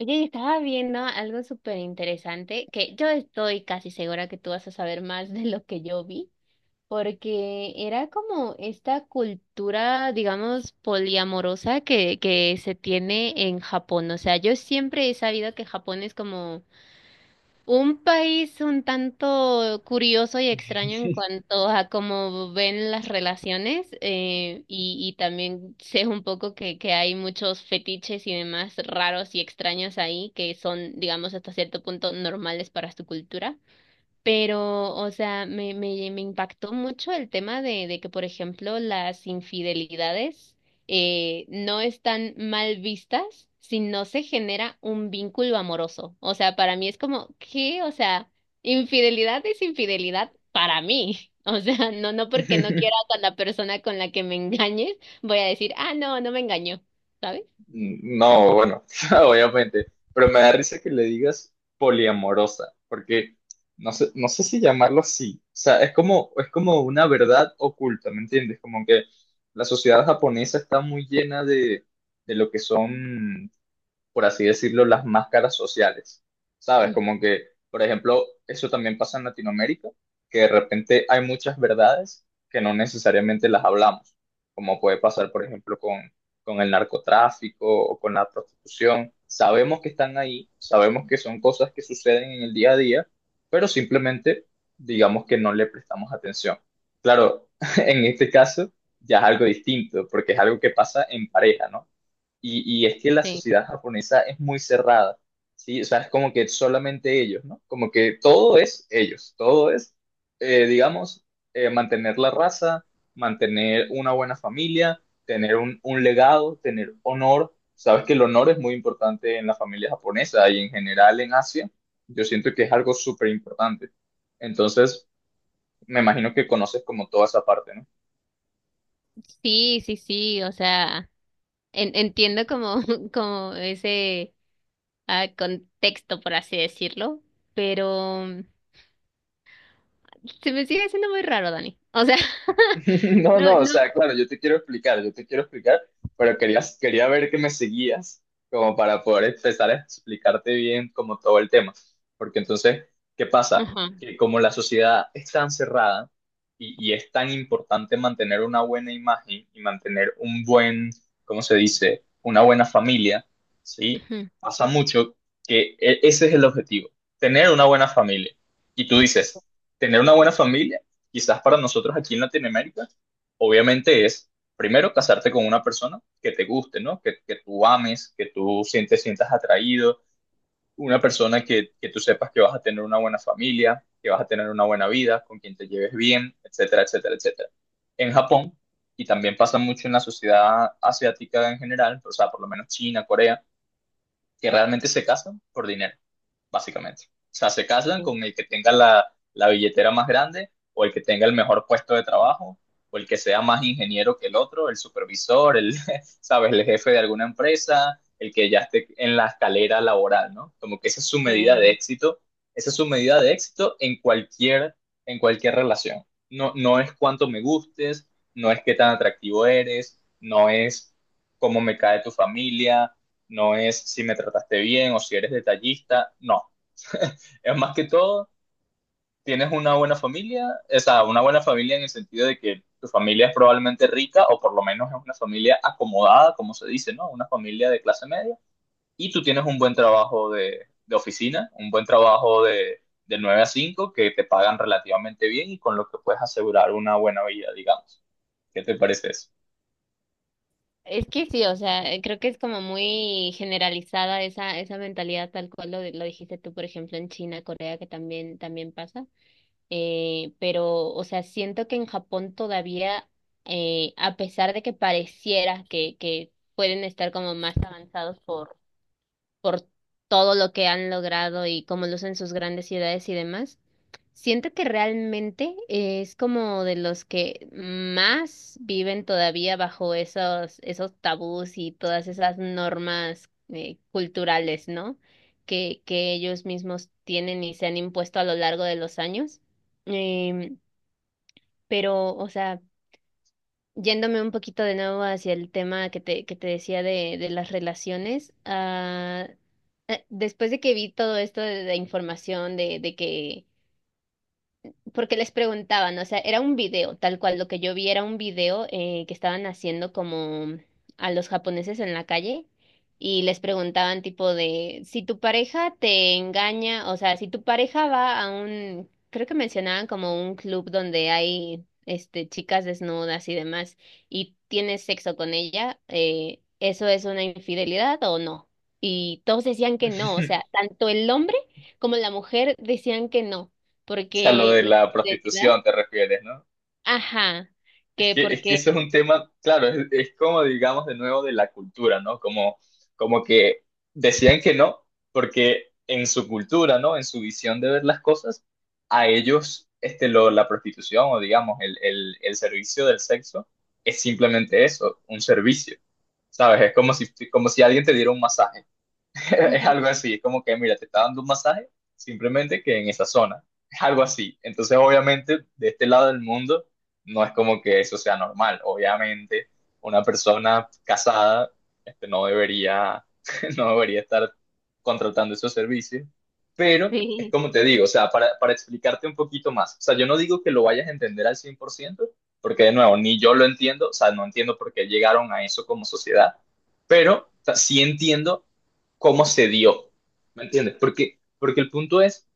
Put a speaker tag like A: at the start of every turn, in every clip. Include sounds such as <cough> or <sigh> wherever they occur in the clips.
A: Oye, y estaba viendo algo súper interesante que yo estoy casi segura que tú vas a saber más de lo que yo vi, porque era como esta cultura, digamos, poliamorosa que se tiene en Japón. O sea, yo siempre he sabido que Japón es como un país un tanto curioso y extraño en cuanto a cómo ven las relaciones y también sé un poco que hay muchos fetiches y demás raros y extraños ahí que son, digamos, hasta cierto punto normales para su cultura. Pero, o sea, me impactó mucho el tema de que, por ejemplo, las infidelidades no están mal vistas si no se genera un vínculo amoroso. O sea, para mí es como, ¿qué? O sea, infidelidad es infidelidad para mí. <laughs> O sea, no, no porque no quiera con la persona con la que me engañes, voy a decir, ah, no, no me engañó, ¿sabes?
B: No, bueno, <laughs> obviamente, pero me da risa que le digas poliamorosa, porque no sé si llamarlo así, o sea, es como una verdad oculta, ¿me entiendes? Como que la sociedad japonesa está muy llena de lo que son, por así decirlo, las máscaras sociales, ¿sabes?
A: Mm.
B: Como que, por ejemplo, eso también pasa en Latinoamérica, que de repente hay muchas verdades que no necesariamente las hablamos, como puede pasar, por ejemplo, con el narcotráfico o con la prostitución. Sabemos que están ahí, sabemos que son cosas que suceden en el día a día, pero simplemente digamos que no le prestamos atención. Claro, <laughs> en este caso ya es algo distinto, porque es algo que pasa en pareja, ¿no? Y es que la
A: Sí,
B: sociedad japonesa es muy cerrada, ¿sí? O sea, es como que solamente ellos, ¿no? Como que todo es ellos, todo es, digamos, mantener la raza, mantener una buena familia, tener un legado, tener honor. Sabes que el honor es muy importante en la familia japonesa y en general en Asia. Yo siento que es algo súper importante. Entonces, me imagino que conoces como toda esa parte, ¿no?
A: sí, sí, sí, o sea, entiendo como, <laughs> como ese a contexto, por así decirlo, pero se me sigue haciendo muy raro, Dani. O sea,
B: <laughs>
A: <laughs>
B: No,
A: no,
B: no, o
A: no.
B: sea, claro, yo te quiero explicar, pero quería ver que me seguías como para poder empezar a explicarte bien como todo el tema. Porque entonces, ¿qué pasa?
A: Ajá.
B: Que como la sociedad es tan cerrada y es tan importante mantener una buena imagen y mantener un buen, ¿cómo se dice? Una buena familia, ¿sí?
A: Ujú.
B: Pasa mucho que ese es el objetivo, tener una buena familia. Y tú dices, tener una buena familia quizás para nosotros aquí en Latinoamérica, obviamente es primero casarte con una persona que te guste, ¿no? Que tú ames, que tú sientas atraído, una persona que tú sepas que vas a tener una buena familia, que vas a tener una buena vida, con quien te lleves bien, etcétera, etcétera, etcétera. En Japón, y también pasa mucho en la sociedad asiática en general, o sea, por lo menos China, Corea, que realmente se casan por dinero básicamente. O sea, se casan con el que tenga la billetera más grande o el que tenga el mejor puesto de trabajo o el que sea más ingeniero que el otro, el supervisor, <laughs> sabes, el jefe de alguna empresa, el que ya esté en la escalera laboral, ¿no? Como que
A: Sí.
B: esa es su medida de éxito en cualquier relación. No, no es cuánto me gustes, no es qué tan atractivo eres, no es cómo me cae tu familia, no es si me trataste bien o si eres detallista, no, es más que todo, tienes una buena familia, o sea, una buena familia en el sentido de que tu familia es probablemente rica o por lo menos es una familia acomodada, como se dice, ¿no? Una familia de clase media. Y tú tienes un buen trabajo de oficina, un buen trabajo de 9 a 5 que te pagan relativamente bien y con lo que puedes asegurar una buena vida, digamos. ¿Qué te parece eso?
A: Es que sí, o sea, creo que es como muy generalizada esa mentalidad tal cual lo dijiste tú, por ejemplo, en China, Corea, que también pasa. Pero, o sea, siento que en Japón todavía, a pesar de que pareciera que pueden estar como más avanzados por todo lo que han logrado y cómo lucen sus grandes ciudades y demás, siento que realmente es como de los que más viven todavía bajo esos tabús y todas esas normas culturales, ¿no? Que ellos mismos tienen y se han impuesto a lo largo de los años. Em, pero, o sea... Yéndome un poquito de nuevo hacia el tema que te decía de las relaciones, ah, después de que vi todo esto de información, de que porque les preguntaban, o sea, era un video, tal cual lo que yo vi era un video que estaban haciendo como a los japoneses en la calle y les preguntaban tipo de, si tu pareja te engaña, o sea, si tu pareja va a un, creo que mencionaban como un club donde hay este chicas desnudas y demás y tienes sexo con ella, ¿eso es una infidelidad o no? Y todos decían que no, o
B: <laughs>
A: sea, tanto el hombre como la mujer decían que no
B: O sea, lo
A: porque
B: de la
A: identidad.
B: prostitución te refieres, ¿no?
A: Ajá,
B: Es
A: que
B: que, es que
A: porque...
B: eso es un tema, claro, es como digamos de nuevo de la cultura, ¿no? Como que decían que no, porque en su cultura, ¿no? En su visión de ver las cosas, a ellos este, la prostitución o digamos el servicio del sexo es simplemente eso, un servicio, ¿sabes? Es como si alguien te diera un masaje. <laughs> Es
A: Ujú,
B: algo así, es como que, mira, te está dando un masaje, simplemente que en esa zona. Es algo así. Entonces, obviamente, de este lado del mundo, no es como que eso sea normal. Obviamente, una persona casada, no debería, <laughs> no debería estar contratando esos servicios. Pero es
A: sí.
B: como te digo, o sea, para explicarte un poquito más. O sea, yo no digo que lo vayas a entender al 100%, porque de nuevo, ni yo lo entiendo, o sea, no entiendo por qué llegaron a eso como sociedad, pero o sea, sí entiendo cómo se dio, ¿me entiendes? Porque el punto es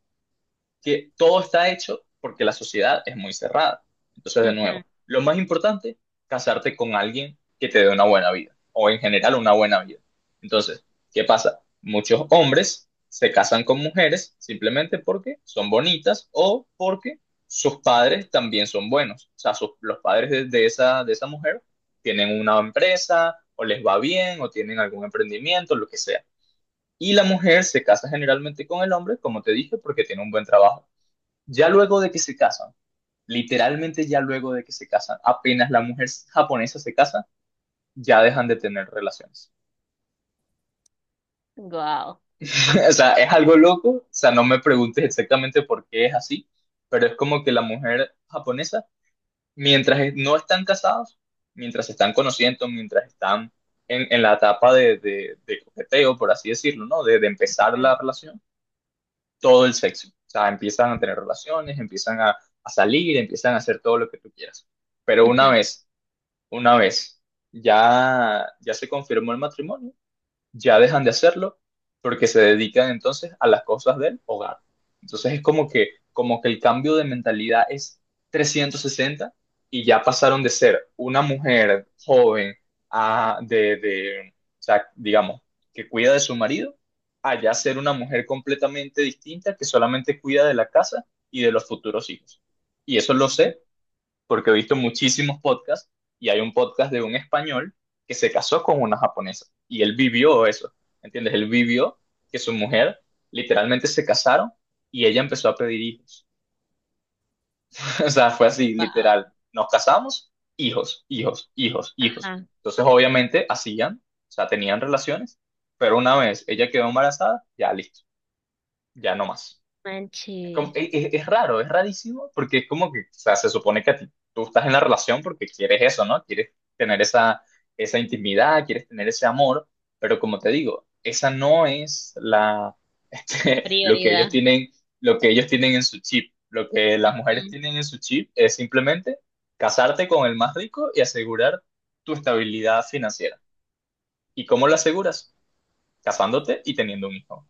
B: que todo está hecho porque la sociedad es muy cerrada. Entonces, de nuevo, lo más importante, casarte con alguien que te dé una buena vida, o en general una buena vida. Entonces, ¿qué pasa? Muchos hombres se casan con mujeres simplemente porque son bonitas o porque sus padres también son buenos. O sea, los padres de esa, de esa, mujer tienen una empresa, o les va bien, o tienen algún emprendimiento, lo que sea. Y la mujer se casa generalmente con el hombre, como te dije, porque tiene un buen trabajo. Ya luego de que se casan, literalmente ya luego de que se casan, apenas la mujer japonesa se casa, ya dejan de tener relaciones.
A: Wow.
B: <laughs> O sea, es algo loco, o sea, no me preguntes exactamente por qué es así, pero es como que la mujer japonesa, mientras no están casados, mientras se están conociendo, mientras están en la etapa de coqueteo, por así decirlo, ¿no? De empezar la relación todo el sexo. O sea, empiezan a tener relaciones, empiezan a salir, empiezan a hacer todo lo que tú quieras. Pero una vez ya se confirmó el matrimonio, ya dejan de hacerlo porque se dedican entonces a las cosas del hogar. Entonces es como que el cambio de mentalidad es 360 y ya pasaron de ser una mujer joven a, o sea, digamos, que cuida de su marido, a ya ser una mujer completamente distinta que solamente cuida de la casa y de los futuros hijos. Y eso lo sé porque he visto muchísimos podcasts y hay un podcast de un español que se casó con una japonesa y él vivió eso, ¿entiendes? Él vivió que su mujer literalmente se casaron y ella empezó a pedir hijos. <laughs> O sea, fue así, literal. Nos casamos, hijos, hijos, hijos, hijos.
A: Ajá,
B: Entonces, obviamente, hacían, o sea, tenían relaciones, pero una vez ella quedó embarazada, ya listo, ya no más.
A: manche,
B: Es, es raro, es rarísimo, porque es como que, o sea, se supone que tú estás en la relación porque quieres eso, ¿no? Quieres tener esa intimidad, quieres tener ese amor, pero como te digo, esa no es <laughs> lo que ellos
A: prioridad.
B: tienen, lo que ellos tienen en su chip. Lo que las mujeres
A: Ujú.
B: tienen en su chip es simplemente casarte con el más rico y asegurar tu estabilidad financiera. ¿Y cómo lo aseguras? Casándote y teniendo un hijo.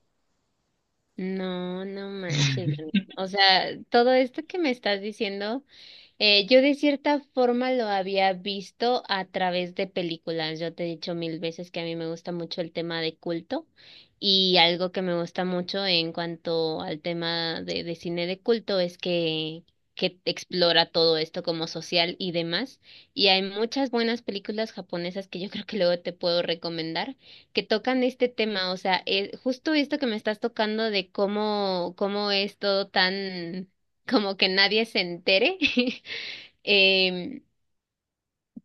A: No, no manches, Dani.
B: <laughs>
A: O sea, todo esto que me estás diciendo... yo de cierta forma lo había visto a través de películas. Yo te he dicho mil veces que a mí me gusta mucho el tema de culto y algo que me gusta mucho en cuanto al tema de cine de culto es que explora todo esto como social y demás. Y hay muchas buenas películas japonesas que yo <laughs> creo que luego te puedo recomendar que tocan este tema. O sea, justo esto que me estás tocando de cómo es todo tan... como que nadie se entere <laughs> Em,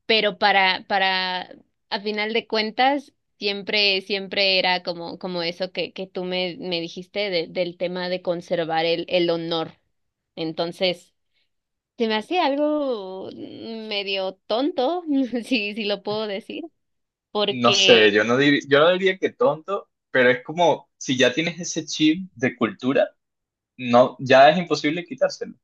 A: pero para, a final de cuentas, siempre, siempre era como, como eso que tú me dijiste del tema de conservar el honor. Entonces, se me hacía algo medio tonto, <laughs> si, si lo puedo decir,
B: No sé,
A: porque
B: yo no diría que tonto, pero es como si ya tienes ese chip de cultura, no, ya es imposible quitárselo.